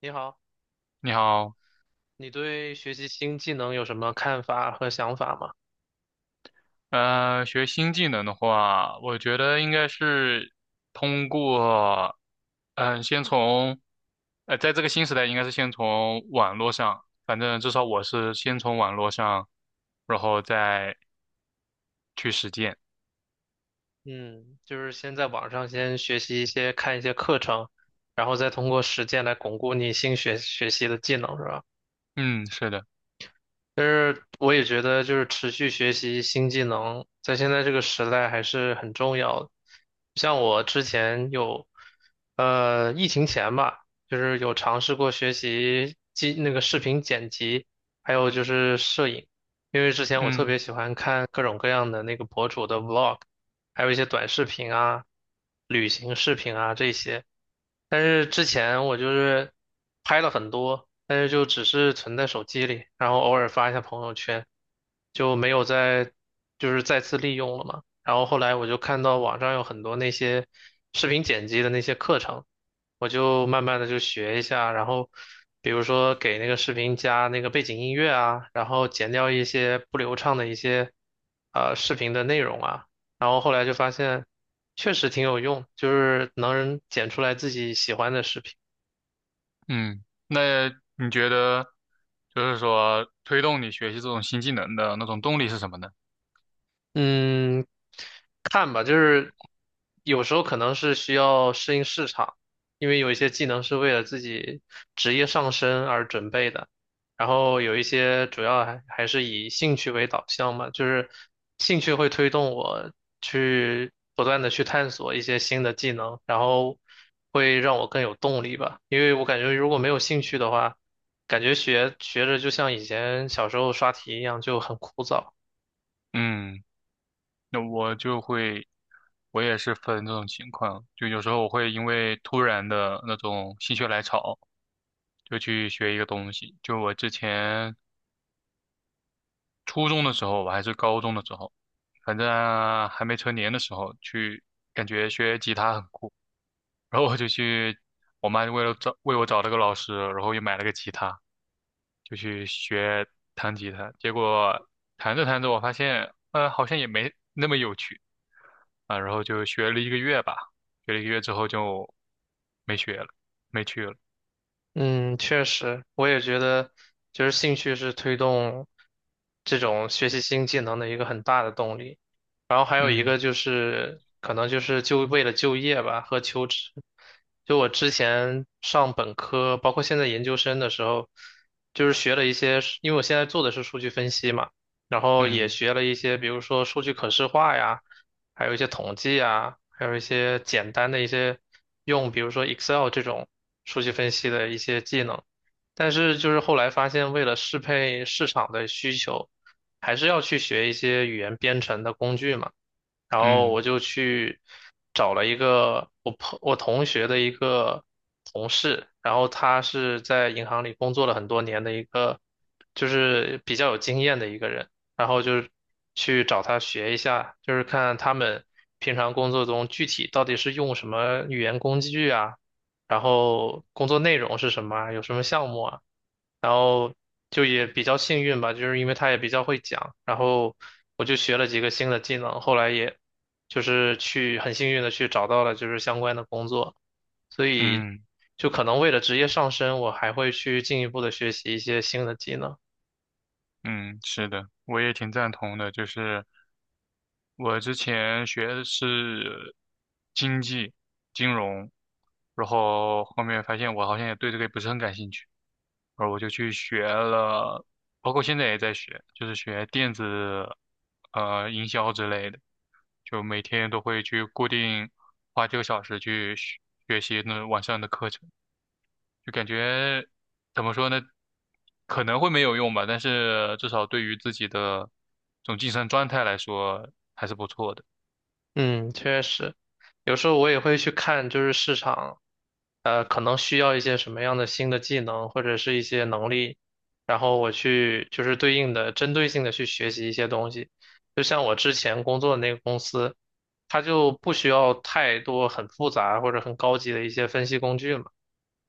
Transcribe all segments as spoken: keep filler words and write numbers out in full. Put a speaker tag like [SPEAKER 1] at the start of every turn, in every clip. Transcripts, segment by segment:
[SPEAKER 1] 你好，
[SPEAKER 2] 你好。
[SPEAKER 1] 你对学习新技能有什么看法和想法吗？
[SPEAKER 2] 呃，学新技能的话，我觉得应该是通过，嗯、先从，呃，在这个新时代，应该是先从网络上，反正至少我是先从网络上，然后再去实践。
[SPEAKER 1] 嗯，就是先在网上先学习一些，看一些课程，然后再通过实践来巩固你新学学习的技能，是吧？
[SPEAKER 2] 嗯，是的。
[SPEAKER 1] 但是我也觉得，就是持续学习新技能，在现在这个时代还是很重要的。像我之前有，呃，疫情前吧，就是有尝试过学习技那个视频剪辑，还有就是摄影，因为之前我特
[SPEAKER 2] 嗯
[SPEAKER 1] 别喜欢看各种各样的那个博主的 vlog，还有一些短视频啊、旅行视频啊这些。但是之前我就是拍了很多，但是就只是存在手机里，然后偶尔发一下朋友圈，就没有再就是再次利用了嘛。然后后来我就看到网上有很多那些视频剪辑的那些课程，我就慢慢的就学一下，然后比如说给那个视频加那个背景音乐啊，然后剪掉一些不流畅的一些呃视频的内容啊。然后后来就发现确实挺有用，就是能剪出来自己喜欢的视频。
[SPEAKER 2] 嗯。那你觉得，就是说推动你学习这种新技能的那种动力是什么呢？
[SPEAKER 1] 嗯，看吧，就是有时候可能是需要适应市场，因为有一些技能是为了自己职业上升而准备的，然后有一些主要还还是以兴趣为导向嘛，就是兴趣会推动我去不断的去探索一些新的技能，然后会让我更有动力吧，因为我感觉如果没有兴趣的话，感觉学学着就像以前小时候刷题一样，就很枯燥。
[SPEAKER 2] 嗯。那我就会，我也是分这种情况，就有时候我会因为突然的那种心血来潮，就去学一个东西。就我之前初中的时候吧，还是高中的时候，反正还没成年的时候，去感觉学吉他很酷。然后我就去，我妈为了找为我找了个老师，然后又买了个吉他，就去学弹吉他。结果弹着弹着，我发现，呃，好像也没那么有趣啊。然后就学了一个月吧，学了一个月之后就没学了，没去了。
[SPEAKER 1] 嗯，确实，我也觉得，就是兴趣是推动这种学习新技能的一个很大的动力。然后还有一
[SPEAKER 2] 嗯
[SPEAKER 1] 个就是可能就是就为了就业吧和求职，就我之前上本科，包括现在研究生的时候，就是学了一些，因为我现在做的是数据分析嘛，然后也
[SPEAKER 2] 嗯
[SPEAKER 1] 学了一些，比如说数据可视化呀，还有一些统计啊，还有一些简单的一些用，比如说 Excel 这种数据分析的一些技能，但是就是后来发现，为了适配市场的需求。还是要去学一些语言编程的工具嘛。然后
[SPEAKER 2] 嗯
[SPEAKER 1] 我就去找了一个我朋我同学的一个同事，然后他是在银行里工作了很多年的一个，就是比较有经验的一个人，然后就是去找他学一下，就是看他们平常工作中具体到底是用什么语言工具啊，然后工作内容是什么啊，有什么项目啊。然后就也比较幸运吧，就是因为他也比较会讲，然后我就学了几个新的技能，后来也就是去很幸运的去找到了就是相关的工作，所以
[SPEAKER 2] 嗯
[SPEAKER 1] 就可能为了职业上升，我还会去进一步的学习一些新的技能。
[SPEAKER 2] 嗯，是的。我也挺赞同的，就是。我之前学的是经济、金融，然后后面发现我好像也对这个也不是很感兴趣，然后我就去学了，包括现在也在学，就是学电子呃营销之类的，就每天都会去固定花几个小时去学学习那网上的课程，就感觉怎么说呢，可能会没有用吧，但是至少对于自己的这种晋升状态来说还是不错的。
[SPEAKER 1] 嗯，确实，有时候我也会去看，就是市场，呃，可能需要一些什么样的新的技能或者是一些能力，然后我去就是对应的针对性的去学习一些东西。就像我之前工作的那个公司，它就不需要太多很复杂或者很高级的一些分析工具嘛。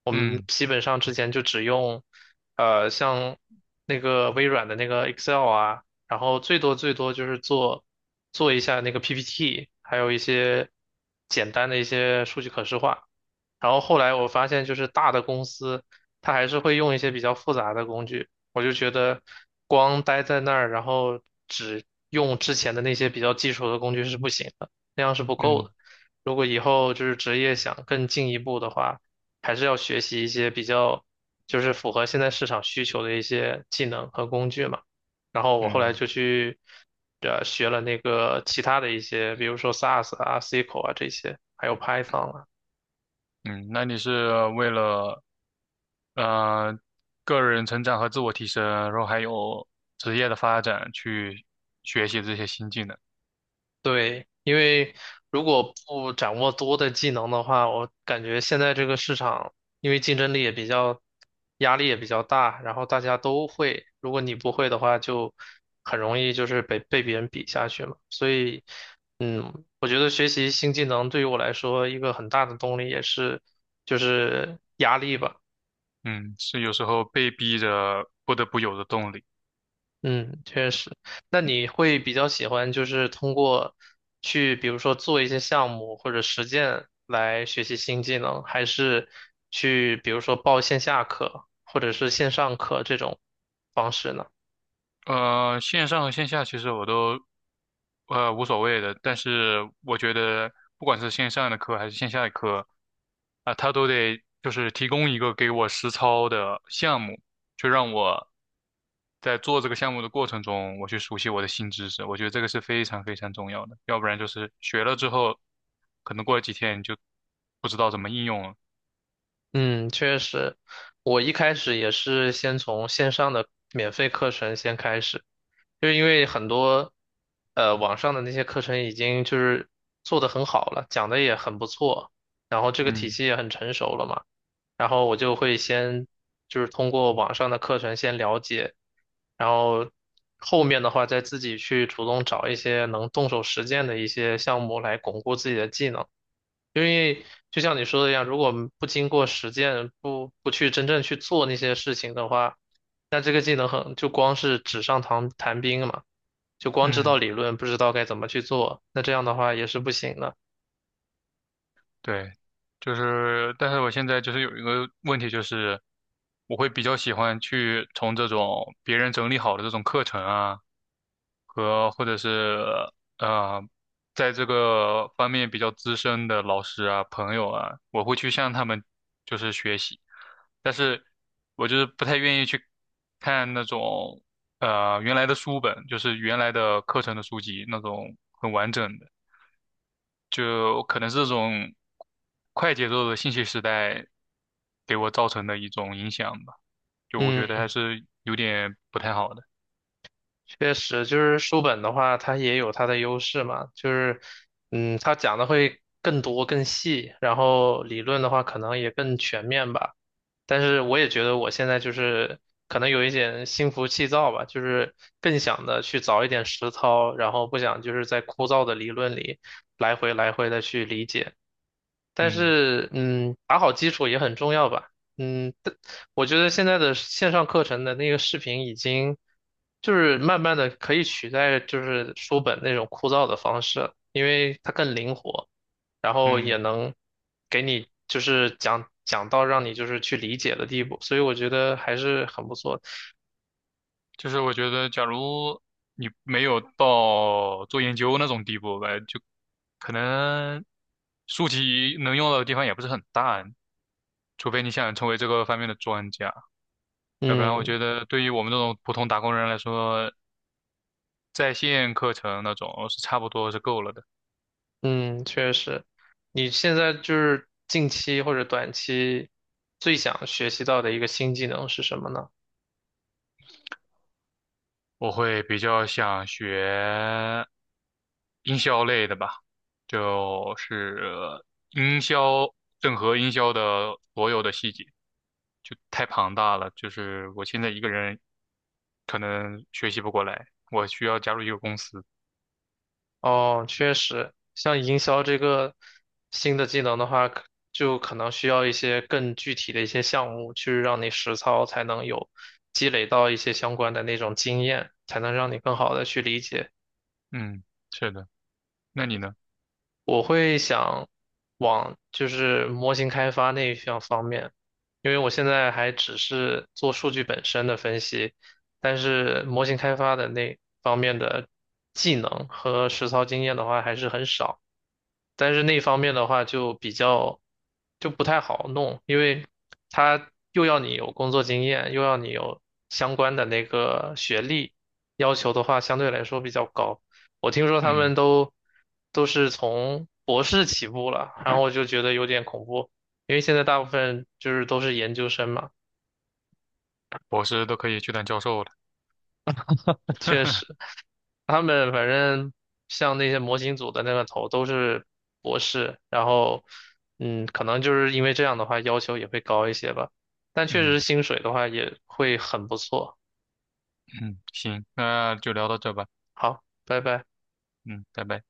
[SPEAKER 1] 我们
[SPEAKER 2] 嗯
[SPEAKER 1] 基本上之前就只用，呃，像那个微软的那个 Excel 啊，然后最多最多就是做做一下那个 P P T，还有一些简单的一些数据可视化。然后后来我发现，就是大的公司，它还是会用一些比较复杂的工具。我就觉得，光待在那儿，然后只用之前的那些比较基础的工具是不行的，那样是不够
[SPEAKER 2] 嗯
[SPEAKER 1] 的。如果以后就是职业想更进一步的话，还是要学习一些比较就是符合现在市场需求的一些技能和工具嘛。然后我后来
[SPEAKER 2] 嗯
[SPEAKER 1] 就去呃学了那个其他的一些，比如说 S A S 啊、S Q L 啊这些，还有 Python 啊。
[SPEAKER 2] 嗯。那你是为了呃个人成长和自我提升，然后还有职业的发展去学习这些新技能。
[SPEAKER 1] 对，因为如果不掌握多的技能的话，我感觉现在这个市场，因为竞争力也比较，压力也比较大，然后大家都会，如果你不会的话，就很容易就是被被别人比下去嘛。所以，嗯，我觉得学习新技能对于我来说，一个很大的动力也是就是压力吧。
[SPEAKER 2] 嗯，是有时候被逼着不得不有的动力。
[SPEAKER 1] 嗯，确实。那你会比较喜欢就是通过去，比如说做一些项目或者实践来学习新技能，还是去比如说报线下课或者是线上课这种方式呢？
[SPEAKER 2] 呃，线上和线下其实我都呃无所谓的，但是我觉得不管是线上的课还是线下的课，啊、他都得就是提供一个给我实操的项目，就让我在做这个项目的过程中，我去熟悉我的新知识。我觉得这个是非常非常重要的，要不然就是学了之后，可能过了几天你就不知道怎么应用了。
[SPEAKER 1] 嗯，确实，我一开始也是先从线上的免费课程先开始，就是因为很多呃网上的那些课程已经就是做得很好了，讲的也很不错，然后这个体
[SPEAKER 2] 嗯。
[SPEAKER 1] 系也很成熟了嘛。然后我就会先就是通过网上的课程先了解，然后后面的话再自己去主动找一些能动手实践的一些项目来巩固自己的技能。就像你说的一样，如果不经过实践，不不去真正去做那些事情的话，那这个技能很就光是纸上谈谈兵嘛，就光知道
[SPEAKER 2] 嗯。
[SPEAKER 1] 理论，不知道该怎么去做，那这样的话也是不行的。
[SPEAKER 2] 对，就是，但是我现在就是有一个问题，就是我会比较喜欢去从这种别人整理好的这种课程啊，和或者是呃，在这个方面比较资深的老师啊、朋友啊，我会去向他们就是学习，但是我就是不太愿意去看那种呃原来的书本，就是原来的课程的书籍那种很完整的。就可能是这种快节奏的信息时代给我造成的一种影响吧，就我觉得还
[SPEAKER 1] 嗯，
[SPEAKER 2] 是有点不太好的。
[SPEAKER 1] 确实，就是书本的话，它也有它的优势嘛，就是，嗯，它讲的会更多更细，然后理论的话可能也更全面吧。但是我也觉得我现在就是可能有一点心浮气躁吧，就是更想的去早一点实操，然后不想就是在枯燥的理论里来回来回的去理解。但
[SPEAKER 2] 嗯
[SPEAKER 1] 是，嗯，打好基础也很重要吧。嗯，但我觉得现在的线上课程的那个视频已经就是慢慢的可以取代就是书本那种枯燥的方式了，因为它更灵活。然后
[SPEAKER 2] 嗯。
[SPEAKER 1] 也能给你就是讲讲到让你就是去理解的地步，所以我觉得还是很不错的。
[SPEAKER 2] 就是我觉得，假如你没有到做研究那种地步吧，就可能书籍能用到的地方也不是很大，除非你想成为这个方面的专家，要不然我
[SPEAKER 1] 嗯
[SPEAKER 2] 觉得对于我们这种普通打工人来说，在线课程那种是差不多是够了的。
[SPEAKER 1] 嗯，确实，你现在就是近期或者短期最想学习到的一个新技能是什么呢？
[SPEAKER 2] 我会比较想学营销类的吧，就是营销，整合营销的所有的细节，就太庞大了，就是我现在一个人可能学习不过来，我需要加入一个公司。
[SPEAKER 1] 哦，确实，像营销这个新的技能的话，可就可能需要一些更具体的一些项目去让你实操，才能有积累到一些相关的那种经验，才能让你更好的去理解。
[SPEAKER 2] 嗯，是的。那你呢？
[SPEAKER 1] 我会想往就是模型开发那一项方面，因为我现在还只是做数据本身的分析，但是模型开发的那方面的技能和实操经验的话还是很少，但是那方面的话就比较就不太好弄，因为他又要你有工作经验，又要你有相关的那个学历，要求的话相对来说比较高。我听说他
[SPEAKER 2] 嗯，
[SPEAKER 1] 们都都是从博士起步了，然后我就觉得有点恐怖，因为现在大部分就是都是研究生嘛，
[SPEAKER 2] 博士都可以去当教授了。
[SPEAKER 1] 确实。他们反正像那些模型组的那个头都是博士，然后嗯，可能就是因为这样的话要求也会高一些吧，但确
[SPEAKER 2] 嗯
[SPEAKER 1] 实薪水的话也会很不错。
[SPEAKER 2] 嗯，行，那就聊到这吧。
[SPEAKER 1] 好，拜拜。
[SPEAKER 2] 嗯，拜拜。